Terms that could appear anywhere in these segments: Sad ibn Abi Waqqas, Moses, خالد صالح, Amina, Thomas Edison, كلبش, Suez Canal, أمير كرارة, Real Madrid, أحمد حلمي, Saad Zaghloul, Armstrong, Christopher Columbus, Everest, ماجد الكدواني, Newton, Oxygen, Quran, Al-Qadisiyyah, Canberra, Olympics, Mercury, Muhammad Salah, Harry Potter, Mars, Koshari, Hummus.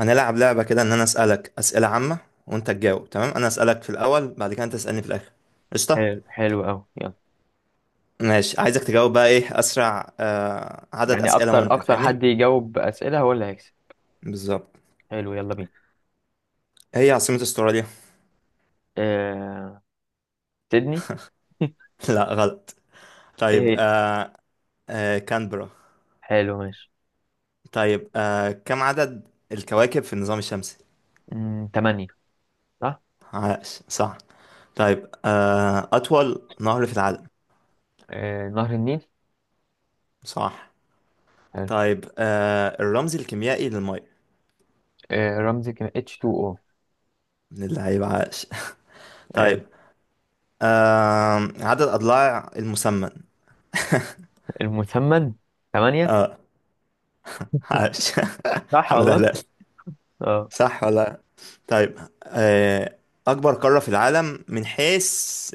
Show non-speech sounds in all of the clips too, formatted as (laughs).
هنلعب لعبة كده إن أنا أسألك أسئلة عامة، وأنت تجاوب. تمام؟ أنا أسألك في الأول، بعد كده أنت تسألني في الآخر. قشطة. حلو، حلو قوي، يلا. ماشي، عايزك تجاوب بقى إيه أسرع عدد يعني أسئلة اكتر ممكن، اكتر فاهمني؟ حد يجاوب اسئله هو اللي هيكسب. بالظبط. حلو، يلا بينا. هي عاصمة أستراليا؟ آه... سيدني. (laughs) (laughs) لا، غلط. طيب. ايه. كانبرا. حلو، ماشي. طيب، كم عدد الكواكب في النظام الشمسي؟ تمانية. صح. عاش، صح. طيب، أطول نهر في العالم؟ نهر النيل. صح. حلو. طيب، الرمز الكيميائي للمية؟ رمزي كان H2O. من اللعيبة، عاش. (laughs) حلو. طيب، عدد أضلاع المسمن؟ المثمن، تمانية. اه، عاش. (laughs) صح حمد والله. هلال، اه. صح ولا؟ طيب، أكبر قارة في العالم من حيث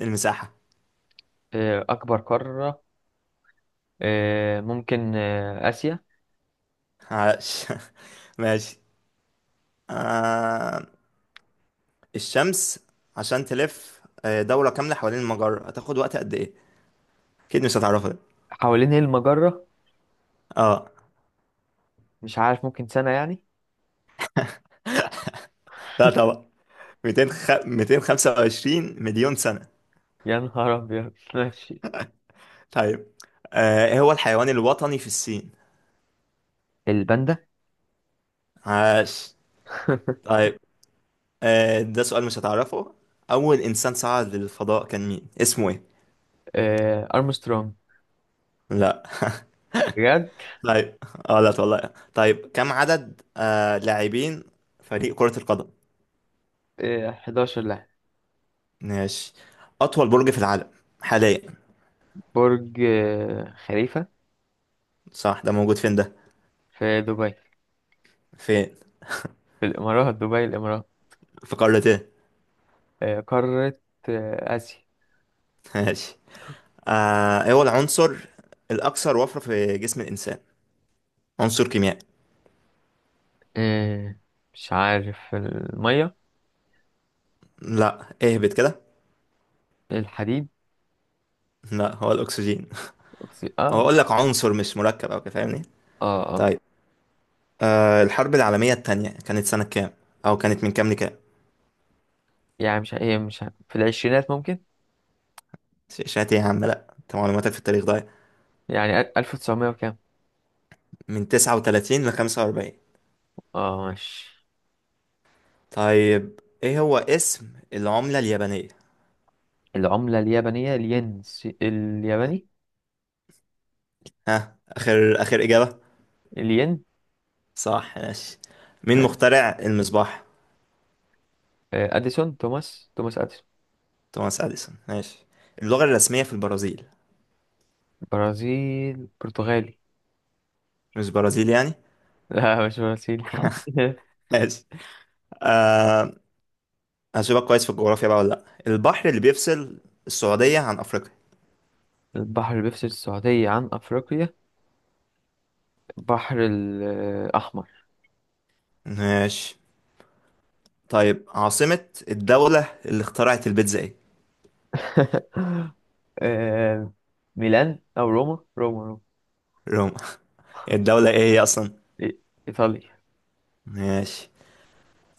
المساحة؟ اكبر قاره، ممكن، اسيا. عاش. (laughs) ماشي. آه الشمس، عشان تلف دورة كاملة حوالين المجرة، هتاخد وقت قد إيه؟ أكيد مش هتعرفها دي. حوالين ايه المجره؟ اه، مش عارف، ممكن سنه يعني. لا طبعا. 200 225 مليون سنة. يا نهار ابيض، ماشي. طيب، إيه هو الحيوان الوطني في الصين؟ الباندا. عاش. (laughs) طيب، ده سؤال مش هتعرفه. أول إنسان صعد للفضاء كان مين؟ اسمه إيه؟ ارمسترونج. لا. بجد؟ طيب. اه لا والله. طيب، كم عدد لاعبين فريق كرة القدم؟ 11 لاعب. ماشي. أطول برج في العالم حاليا؟ برج خليفة. صح، ده موجود فين ده؟ في دبي. فين؟ في الإمارات، دبي، الإمارات. في قارة إيه؟ قارة، آسيا. (laughs) ماشي. إيه هو العنصر الأكثر وفرة في جسم الإنسان؟ عنصر كيميائي. آه، مش عارف، المية. لا، اهبط كده. الحديد. لا، هو الأكسجين. هو اه. أقول لك عنصر، مش مركب أو كده، فاهمني؟ اه، اه. طيب، الحرب العالمية التانية كانت سنة كام؟ أو كانت من كام لكام؟ يعني مش هي مش ه- في العشرينات ممكن. شات إيه يا عم، لأ، أنت معلوماتك في التاريخ ضايع. يعني 1900 وكام. من 39 لخمسة وأربعين. اه، ماشي. طيب، إيه هو اسم العملة اليابانية؟ العملة اليابانية، الين الياباني. ها، آخر آخر إجابة؟ الين. صح، ماشي. مين ماشي. مخترع المصباح؟ أديسون، توماس أديسون. توماس أديسون، ماشي. اللغة الرسمية في البرازيل؟ برازيل، برتغالي. مش برازيل يعني؟ (laughs) لا، مش برازيل. (laughs) ماشي. آه هشوفك كويس في الجغرافيا بقى ولا لأ. البحر اللي بيفصل السعودية عن أفريقيا؟ البحر اللي بيفصل السعودية عن أفريقيا، البحر الأحمر. ماشي. طيب، عاصمة الدولة اللي اخترعت البيتزا ايه؟ (laughs) آه، ميلان أو روما، روما، روما. روما. (laughs) الدولة ايه هي اصلا؟ إي- إيطاليا. ماشي.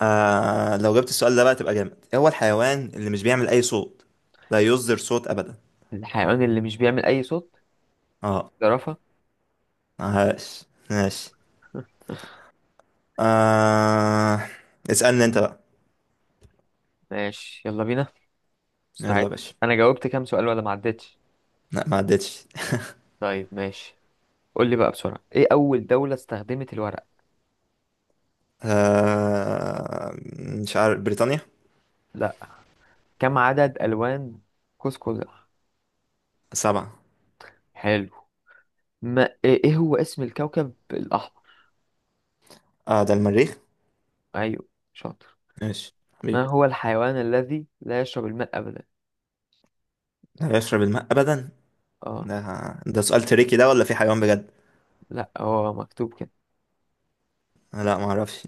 لو جبت السؤال ده بقى تبقى جامد، ايه هو الحيوان اللي مش بيعمل اي صوت، لا يصدر صوت ابدا؟ الحيوان اللي مش بيعمل أي صوت، اه، زرافة. ماشي ماشي. آه اسألني انت بقى. ماشي، يلا بينا. يلا يا مستعد. باشا. أنا جاوبت كام سؤال ولا ما عدتش؟ لا، ما عدتش. طيب ماشي. قول لي بقى بسرعة، إيه أول دولة استخدمت الورق؟ آه مش عارف، بريطانيا. لا. كم عدد ألوان قوس قزح؟ سبعة. حلو. ما إيه إيه هو اسم الكوكب الأحمر؟ اه، ده المريخ. أيوه، شاطر. ماشي ما حبيبي. هو الحيوان الذي لا يشرب الماء أبدا؟ لا يشرب الماء ابدا؟ اه. ده ده سؤال تريكي ده، ولا في حيوان بجد؟ لا، هو مكتوب كده. لا، ما اعرفش.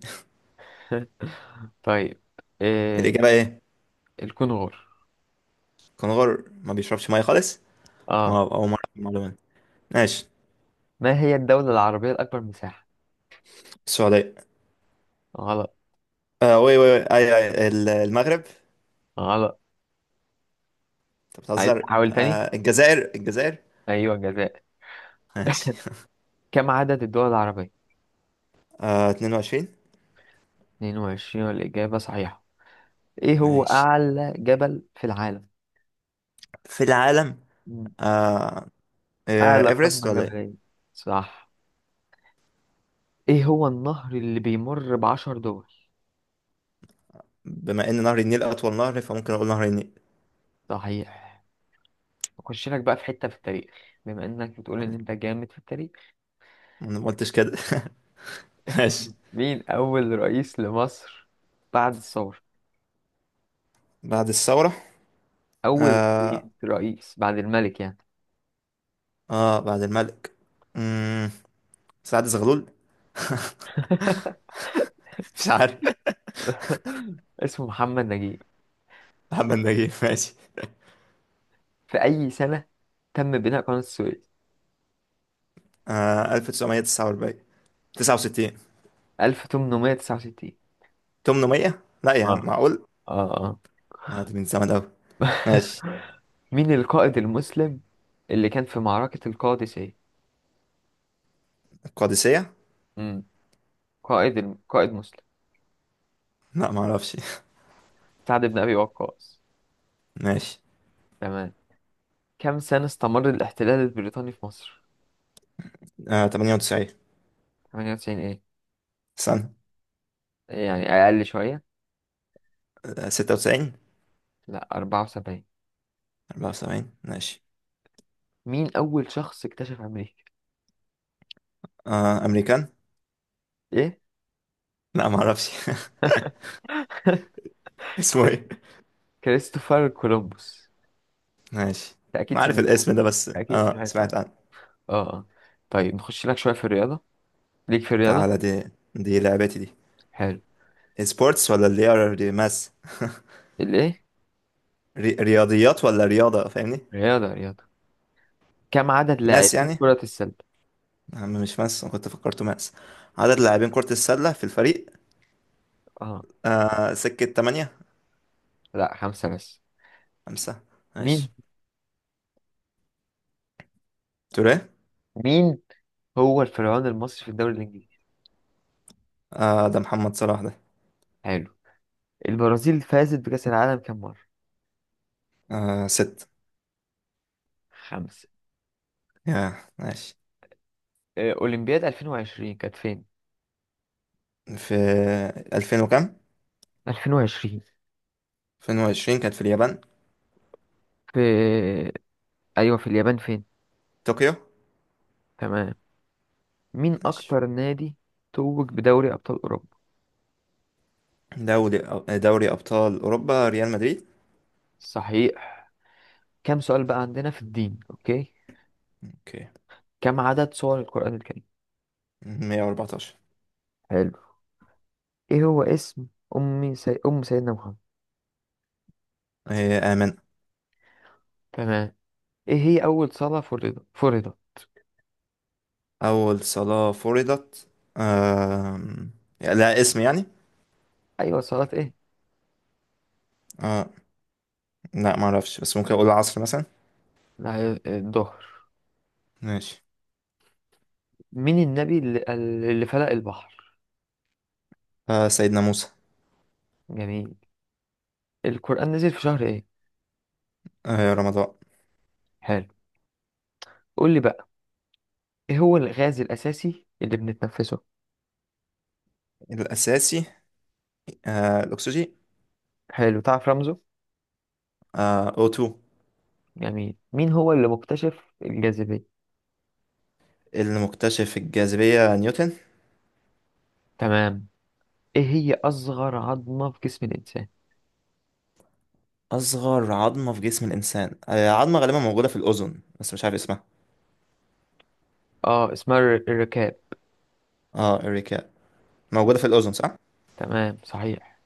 (laughs) طيب. إيه. الإجابة إيه؟ الكونغور. كنغر ما بيشربش مية خالص؟ ما اه. أول مرة أعرف المعلومة دي. ماشي. ما هي الدولة العربية الأكبر مساحة؟ السعودية. غلط. آه وي وي وي أي أي ال- المغرب، أنت غلط. عايز بتهزر. تحاول تاني؟ الجزائر الجزائر. أيوة، الجزائر. ماشي. كم عدد الدول العربية؟ 22. 22، والإجابة صحيحة. إيه هو ماشي. أعلى جبل في العالم؟ في العالم. مم. آه أعلى إيفرست قمة ولا إيه؟ جبلية. صح. إيه هو النهر اللي بيمر بعشر دول؟ بما إن نهر النيل أطول نهر، فممكن أقول نهر النيل. صحيح. أخش لك بقى في حتة في التاريخ، بما إنك بتقول إن أنت جامد في التاريخ. ما أنا قلتش كده. (laughs) ماشي. مين أول رئيس لمصر بعد الثورة؟ بعد الثورة. أول آه رئيس بعد الملك يعني. بعد الملك. مم، سعد زغلول. (laughs) (laughs) مش عارف. اسمه محمد نجيب. محمد نجيب، ماشي. في أي سنة تم بناء قناة السويس؟ 1949، 69، 1869. 800؟ لا يا عم، اه، معقول؟ اه، اه. دي من زمان أوي. ماشي. مين القائد المسلم اللي كان في معركة القادسية؟ القادسية. امم قائد مسلم، لا، ما اعرفش. سعد بن أبي وقاص. (laughs) ماشي. تمام. كم سنة استمر الاحتلال البريطاني في مصر؟ 98 98. ايه؟ سنة. يعني أقل شوية؟ 96. لا، 74. 74، ماشي. مين أول شخص اكتشف أمريكا؟ أمريكان. إيه؟ لا، ما اعرفش. (laughs) (laughs) اسمه ايه؟ كريستوفر كولومبوس. ماشي. أنت ما أكيد عارف سمعت عنه، الاسم ده، بس أكيد سمعت سمعت عنه. عنه. أه، آه. طيب، نخش لك شوية في الرياضة، ليك في الرياضة. تعالى دي لعبتي دي. حلو. سبورتس ولا اللي هي ماس؟ الإيه؟ رياضيات ولا رياضة، فاهمني؟ رياضة، رياضة. كم عدد ماس لاعبين يعني. كرة السلة؟ يا عم مش ماس، أنا كنت فكرته ماس. عدد لاعبين كرة السلة في الفريق. أه. سكة تمانية. لا، خمسة بس. خمسة. مين ماشي. توريه. مين هو الفرعون المصري في الدوري الإنجليزي؟ ده محمد صلاح ده. حلو. البرازيل فازت بكأس العالم كم مرة؟ ست. خمسة. يا ماشي. أولمبياد 2020 كانت فين؟ في ألفين وكام؟ 2020 2020 كانت في اليابان. في. أيوه، في اليابان فين؟ طوكيو. تمام. مين ماشي. أكتر نادي توج بدوري أبطال أوروبا؟ دوري دوري أبطال أوروبا، ريال مدريد. صحيح. كم سؤال بقى عندنا في الدين، أوكي. اوكي. كم عدد سور القرآن الكريم؟ 114. حلو. إيه هو اسم أم سيدنا محمد؟ هي آمن. تمام. إيه هي أول صلاة فرضت؟ أول صلاة فرضت؟ آم، لا، اسم يعني. أيوة، صلاة إيه؟ آه لا معرفش، بس ممكن أقول العصر مثلا. لا، الظهر. ماشي. مين النبي اللي فلق البحر؟ سيدنا موسى. جميل. القرآن نزل في شهر إيه؟ رمضان. حلو. قول لي بقى، إيه هو الغاز الأساسي اللي بنتنفسه؟ الأساسي، الأكسجين. حلو، تعرف رمزه؟ أوتو. جميل، مين هو اللي مكتشف الجاذبية؟ اللي مكتشف الجاذبية، نيوتن. تمام. ايه هي اصغر عظمة في جسم الانسان؟ أصغر عظمة في جسم الإنسان عظمة غالبا موجودة في الأذن، بس مش عارف اسمها. اه، اسمها الركاب. اه، إريكا؟ موجودة في الأذن، صح؟ تمام، صحيح.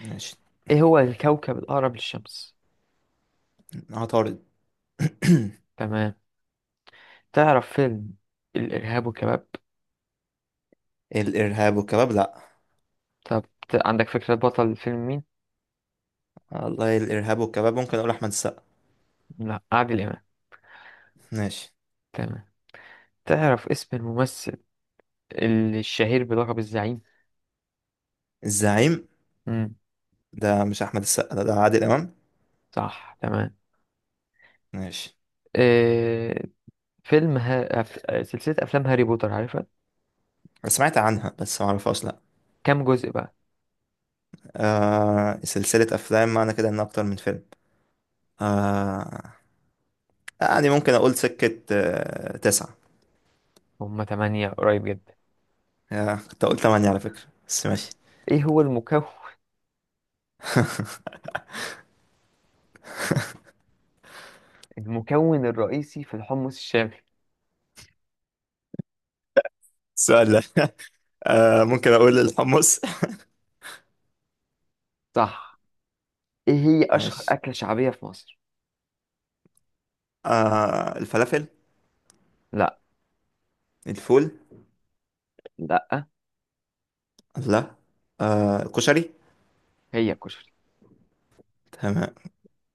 ماشي. ايه هو الكوكب الاقرب للشمس؟ عطارد. (coughs) تمام. تعرف فيلم الارهاب والكباب؟ (clears throat) الإرهاب والكباب؟ لأ. طب، عندك فكرة بطل الفيلم مين؟ والله الإرهاب والكباب ممكن أقول أحمد السقا. لا، عادل امام. ماشي. تمام. تعرف اسم الممثل الشهير بلقب الزعيم؟ الزعيم. امم ده مش أحمد السقا ده، ده عادل إمام. صح، تمام. ماشي. إيه فيلم سلسلة افلام هاري بوتر، عارفها؟ أنا سمعت عنها بس معرفهاش، لأ. كام جزء بقى؟ سلسلة أفلام، معنى كده إن أكتر من فيلم. آه يعني ممكن أقول سكة تسعة. هما تمانية، قريب جدا. يا كنت اقول تمانية على فكرة، بس ماشي. ايه هو المكون الرئيسي في الحمص الشامي؟ سؤال ده. (laughs) ممكن اقول الحمص. صح. ايه هي (laughs) اشهر ماشي. اكلة شعبية في مصر؟ الفلافل. لا. الفول. لا. لا. الكشري. هي الكشري. تمام.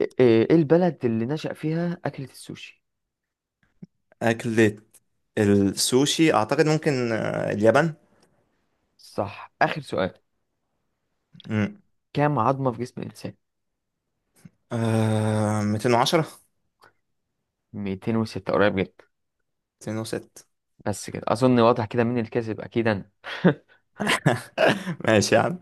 إيه البلد اللي نشأ فيها اكلة السوشي؟ أكلة السوشي أعتقد ممكن اليابان. صح، اخر سؤال. مم. كام عظمة في جسم الانسان؟ 210، 206، قريب جدا. 206. (laughs) بس كده اظن واضح كده مين الكذب، اكيد انا. (laughs) ماشي يا عم.